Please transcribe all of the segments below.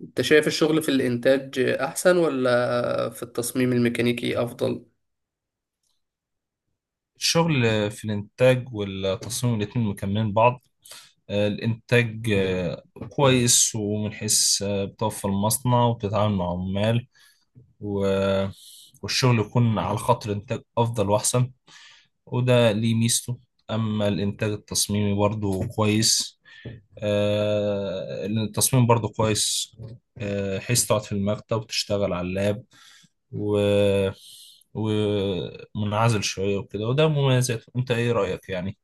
انت شايف الشغل في الانتاج احسن ولا في التصميم الميكانيكي افضل؟ الشغل في الإنتاج والتصميم الاتنين مكملين بعض، الإنتاج كويس، ومن حيث بتوفر المصنع وبتتعامل مع عمال، و- والشغل يكون على خط الإنتاج أفضل وأحسن، وده ليه ميزته. أما الإنتاج التصميمي برضه كويس، لأن التصميم برضه كويس، حيث تقعد في المكتب وتشتغل على اللاب، و ومنعزل شوية وكده، وده مميزاته. أنت إيه رأيك يعني؟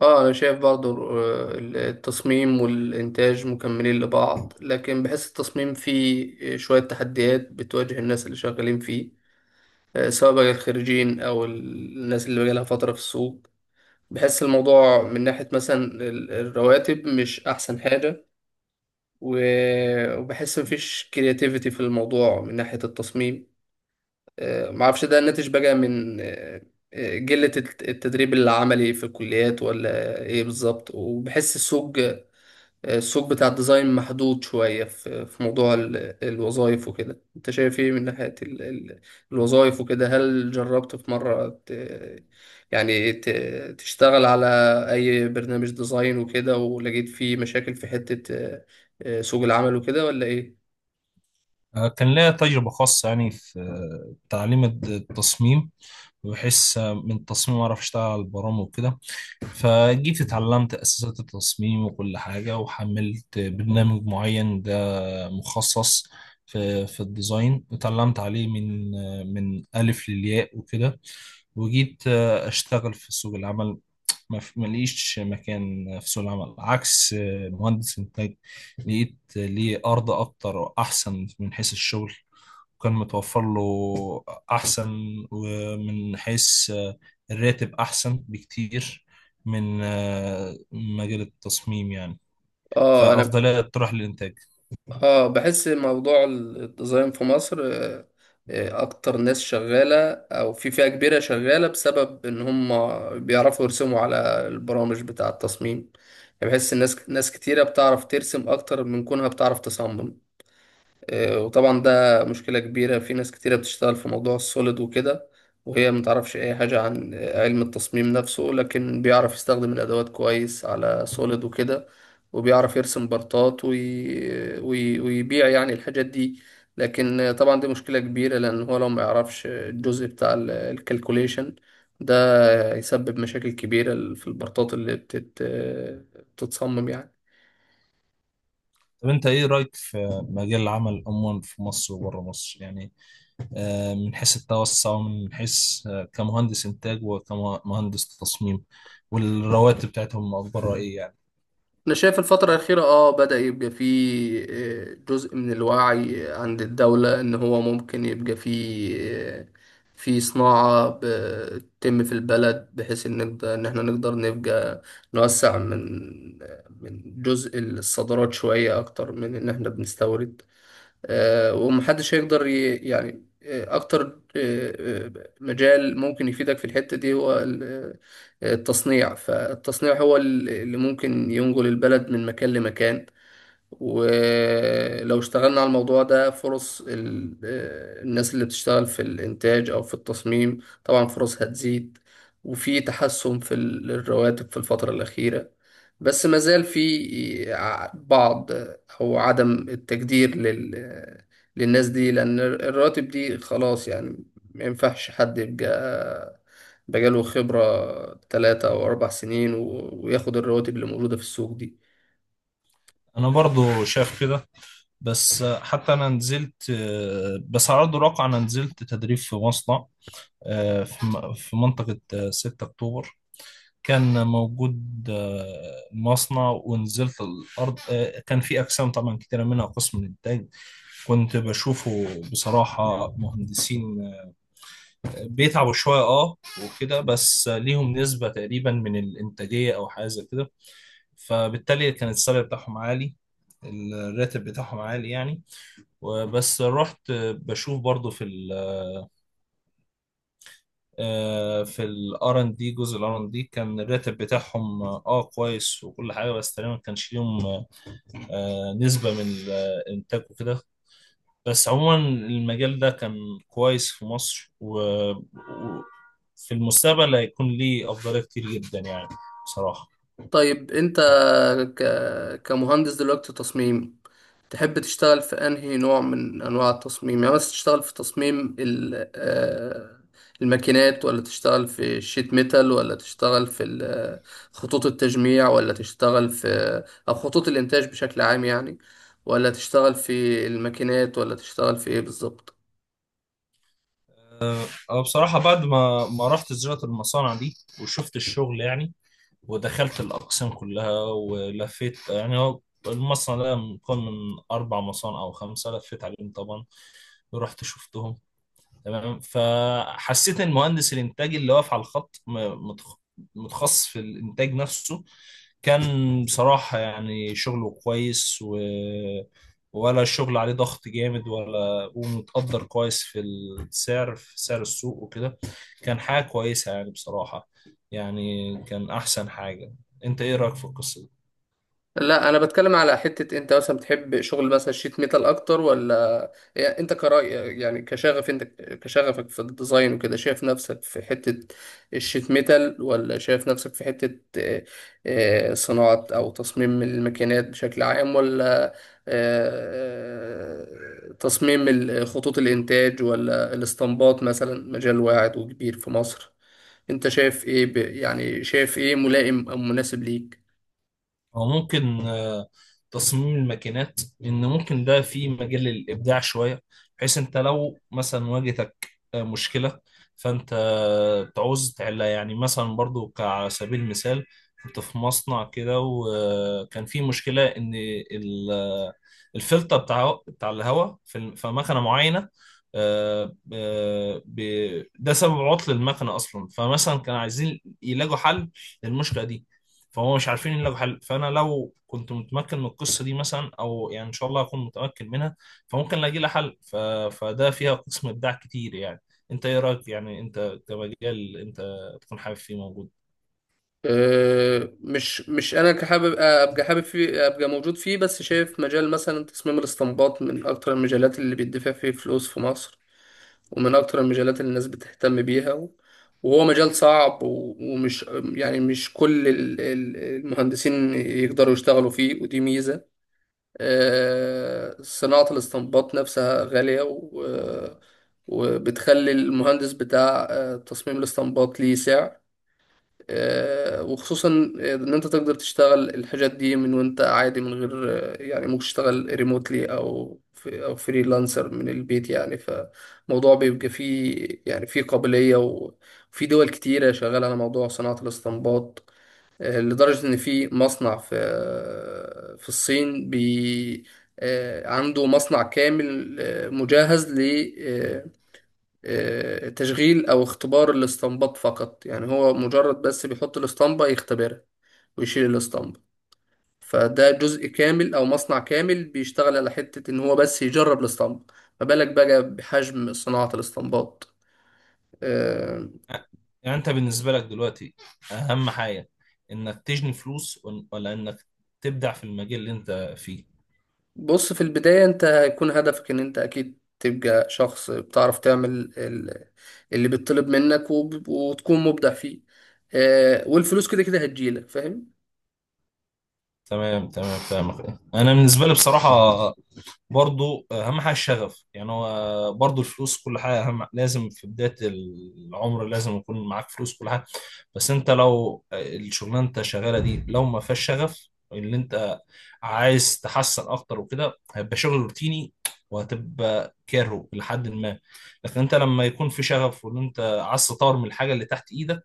اه انا شايف برضو التصميم والانتاج مكملين لبعض، لكن بحس التصميم فيه شوية تحديات بتواجه الناس اللي شغالين فيه، سواء بقى الخريجين او الناس اللي بقالها فترة في السوق. بحس الموضوع من ناحية مثلا الرواتب مش احسن حاجة، وبحس مفيش كرياتيفيتي في الموضوع من ناحية التصميم. ما اعرفش ده ناتج بقى من قلة التدريب العملي في الكليات ولا ايه بالظبط، وبحس السوق السوق بتاع الديزاين محدود شوية في موضوع الوظائف وكده. انت شايف ايه من ناحية الوظائف وكده؟ هل جربت في مرة يعني ت- تشتغل على اي برنامج ديزاين وكده ولقيت فيه مشاكل في حتة سوق العمل وكده ولا ايه؟ كان ليا تجربة خاصة يعني في تعليم التصميم. بحس من التصميم أعرف أشتغل على البرامج وكده، فجيت اتعلمت أساسات التصميم وكل حاجة، وحملت برنامج معين ده مخصص في الديزاين، اتعلمت عليه من من ألف للياء وكده. وجيت أشتغل في سوق العمل، ما لقيش مكان في سوق العمل، عكس مهندس إنتاج لقيت ليه أرض أكتر وأحسن من حيث الشغل، وكان متوفر له أحسن. ومن حيث الراتب أحسن بكتير من مجال التصميم يعني، اه انا فأفضلية تروح للإنتاج. اه بحس موضوع الديزاين في مصر، اكتر ناس شغالة او في فئة كبيرة شغالة بسبب ان هم بيعرفوا يرسموا على البرامج بتاع التصميم. يعني بحس ناس كتيرة بتعرف ترسم اكتر من كونها بتعرف تصمم. وطبعا ده مشكلة كبيرة، في ناس كتيرة بتشتغل في موضوع السوليد وكده، وهي متعرفش أي حاجة عن علم التصميم نفسه، لكن بيعرف يستخدم الأدوات كويس على سوليد وكده، وبيعرف يرسم بارتات ويبيع يعني الحاجات دي. لكن طبعا دي مشكلة كبيرة، لأن هو لو ما يعرفش الجزء بتاع الكالكوليشن ده يسبب مشاكل كبيرة في البارتات اللي بتتصمم يعني. طب أنت إيه رأيك في مجال العمل عموما في مصر وبره مصر يعني، من حيث التوسع، ومن حيث كمهندس إنتاج وكمهندس تصميم، والرواتب بتاعتهم أخبارها إيه يعني؟ أنا شايف الفترة الأخيرة آه بدأ يبقى فيه جزء من الوعي عند الدولة إن هو ممكن يبقى فيه آه، في صناعة بتتم في البلد، بحيث إن نقدر إن إحنا نقدر نبقى نوسع من من جزء الصادرات شوية أكتر من إن إحنا بنستورد. ومحدش هيقدر ي... يعني آه، أكتر آه، آه، مجال ممكن يفيدك في الحتة دي هو التصنيع، فالتصنيع هو اللي ممكن ينقل البلد من مكان لمكان. ولو اشتغلنا على الموضوع ده، فرص الناس اللي بتشتغل في الإنتاج أو في التصميم طبعا فرص هتزيد، وفي تحسن في الرواتب في الفترة الأخيرة، بس ما زال في بعض أو عدم التقدير لل آه، للناس دي، لأن الرواتب دي خلاص يعني ما ينفعش حد يبقى بقاله خبرة تلاتة أو أربع سنين وياخد الرواتب اللي موجودة في السوق دي. أنا برضو شايف كده. بس حتى انا نزلت، بس على ارض الواقع انا نزلت تدريب في مصنع، في في منطقة 6 أكتوبر. كان موجود مصنع، ونزلت الأرض، كان في أقسام طبعا كتيرة منها قسم الإنتاج. كنت بشوفه بصراحة مهندسين بيتعبوا شوية وكده. بس ليهم نسبة تقريبا من الإنتاجية أو حاجة زي كده، فبالتالي كان السالري بتاعهم عالي، الراتب بتاعهم عالي يعني. وبس رحت بشوف برضو في في الار ان دي، جزء الار ان دي كان الراتب بتاعهم كويس وكل حاجه، بس تقريبا ما كانش ليهم نسبه من الانتاج وكده. بس عموما المجال ده كان كويس في مصر و- في المستقبل هيكون ليه أفضلية كتير جدا يعني، بصراحة. طيب انت كمهندس دلوقتي تصميم، تحب تشتغل في انهي نوع من انواع التصميم؟ يعني مثلا تشتغل في تصميم ال... آه، الماكينات، ولا تشتغل في الشيت ميتال، ولا تشتغل في خطوط التجميع، ولا تشتغل في آه، او خطوط الانتاج بشكل عام يعني؟ ولا تشتغل في الماكينات ولا تشتغل في ايه بالظبط؟ أنا بصراحة بعد ما رحت زيارة المصانع دي وشفت الشغل يعني، ودخلت الأقسام كلها ولفيت. يعني هو المصنع ده مكون من أربع مصانع أو خمسة، لفيت عليهم طبعا، رحت شفتهم تمام. فحسيت ان مهندس الانتاج اللي واقف على الخط متخصص في الانتاج نفسه، كان بصراحة يعني شغله كويس، ولا الشغل عليه ضغط جامد، ولا ومتقدر كويس في السعر في سعر السوق وكده. كان حاجة كويسة يعني بصراحة، يعني كان أحسن حاجة. أنت إيه رأيك في القصة دي؟ لا انا بتكلم على حتة انت مثلا بتحب شغل مثلا شيت ميتال اكتر، ولا يعني انت كرأي، يعني كشغف انت، كشغفك في الديزاين وكده شايف نفسك في حتة الشيت ميتال، ولا شايف نفسك في حتة صناعة او تصميم الماكينات بشكل عام، ولا تصميم خطوط الانتاج، ولا الاسطمبات مثلا مجال واعد وكبير في مصر؟ انت شايف ايه شايف ايه ملائم او مناسب ليك؟ أو ممكن تصميم الماكينات، لأن ممكن ده فيه مجال للإبداع شوية. بحيث أنت لو مثلا واجهتك مشكلة، فأنت تعوز تحلها يعني. مثلا برضو كعلى سبيل المثال، كنت في مصنع كده وكان فيه مشكلة إن ال- آه، الفلتر بتاع الهواء في في مكنة معينة، ده سبب عطل المكنة أصلا. فمثلا كانوا عايزين يلاقوا حل للمشكلة دي، فهو مش عارفين الا بحل. فانا لو كنت متمكن من القصه دي مثلا، او يعني ان شاء الله اكون متمكن منها، فممكن الاقي لها حل. فده فيها قسم ابداع كتير يعني. انت ايه رايك يعني، انت كمجال انت تكون حابب فيه موجود؟ أه، مش مش انا كحابب ابقى حابب فيه ابقى موجود فيه، بس شايف مجال مثلا تصميم الاستنباط من اكتر المجالات اللي بيدفع فيه فلوس في مصر، ومن اكتر المجالات اللي الناس بتهتم بيها، وهو مجال صعب و- ومش يعني مش كل المهندسين يقدروا يشتغلوا فيه، ودي ميزة. أه، صناعة الاستنباط نفسها غالية وبتخلي المهندس بتاع أه، تصميم الاستنباط ليه سعر. وخصوصا ان انت تقدر تشتغل الحاجات دي من وانت عادي من غير ممكن تشتغل ريموتلي، او فريلانسر من البيت يعني. فموضوع بيبقى فيه يعني فيه قابلية، وفي دول كتيرة شغالة على موضوع صناعة الاستنباط، لدرجة ان في مصنع في في الصين بي آه، عنده مصنع كامل مجهز تشغيل أو اختبار الاستنباط فقط، يعني هو مجرد بس بيحط الاسطمبة يختبرها ويشيل الاسطمبة. فده جزء كامل أو مصنع كامل بيشتغل على حتة إن هو بس يجرب الاسطمبة، ما بالك بقى بحجم صناعة الاسطمبات. آه، يعني انت بالنسبه لك دلوقتي اهم حاجه انك تجني فلوس ولا انك تبدع في المجال اللي انت فيه؟ بص، في البداية أنت هيكون هدفك إن أنت أكيد تبقى شخص بتعرف تعمل ال- اللي بيطلب منك، وتكون مبدع فيه، والفلوس كده كده هتجيلك، فاهم؟ تمام تمام، فاهمك. انا بالنسبه لي بصراحه برضو اهم حاجه الشغف. يعني هو برضو الفلوس كل حاجه اهم، لازم في بدايه العمر لازم يكون معاك فلوس كل حاجه. بس انت لو الشغلانه انت شغاله دي لو ما فيهاش شغف اللي انت عايز تحسن اكتر وكده، هيبقى شغل روتيني، وهتبقى كارهه لحد ما. لكن انت لما يكون في شغف، وان انت عايز تطور من الحاجه اللي تحت ايدك،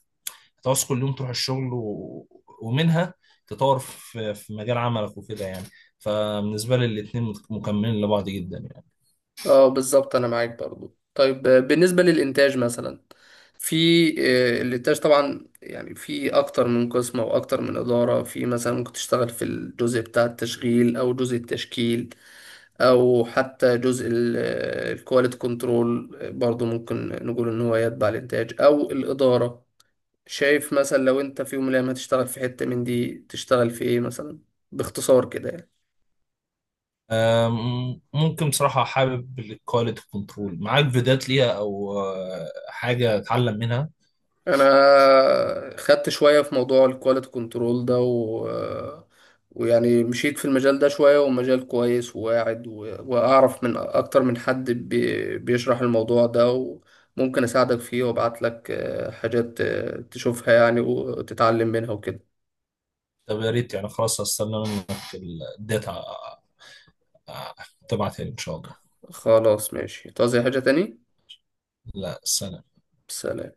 هتعوز كل يوم تروح الشغل ومنها تطور في مجال عملك وكده يعني. فبالنسبة لي الاتنين مكملين لبعض جدا يعني. اه بالظبط، انا معاك برضو. طيب بالنسبة للإنتاج مثلا، في الإنتاج طبعا يعني في أكتر من قسم أو أكتر من إدارة، في مثلا ممكن تشتغل في الجزء بتاع التشغيل، أو جزء التشكيل، أو حتى جزء الكواليتي كنترول برضو، ممكن نقول إن هو يتبع الإنتاج أو الإدارة. شايف مثلا لو أنت في يوم من الأيام هتشتغل في حتة من دي تشتغل في إيه مثلا، باختصار كده يعني؟ ممكن بصراحة حابب الكواليتي كنترول. معاك فيديوهات ليها، أو حاجة أتعلم منها؟ انا خدت شويه في موضوع الكواليتي كنترول ده، و... ويعني مشيت في المجال ده شويه، ومجال كويس وواعد، و... واعرف من اكتر من حد بيشرح الموضوع ده، وممكن اساعدك فيه وابعت لك حاجات تشوفها يعني وتتعلم منها وكده. طب يا ريت يعني، خلاص هستنى منك الداتا آه، تبعتها لي إن شاء الله. خلاص ماشي، تعوز أي حاجه تاني؟ لا، سلام. سلام.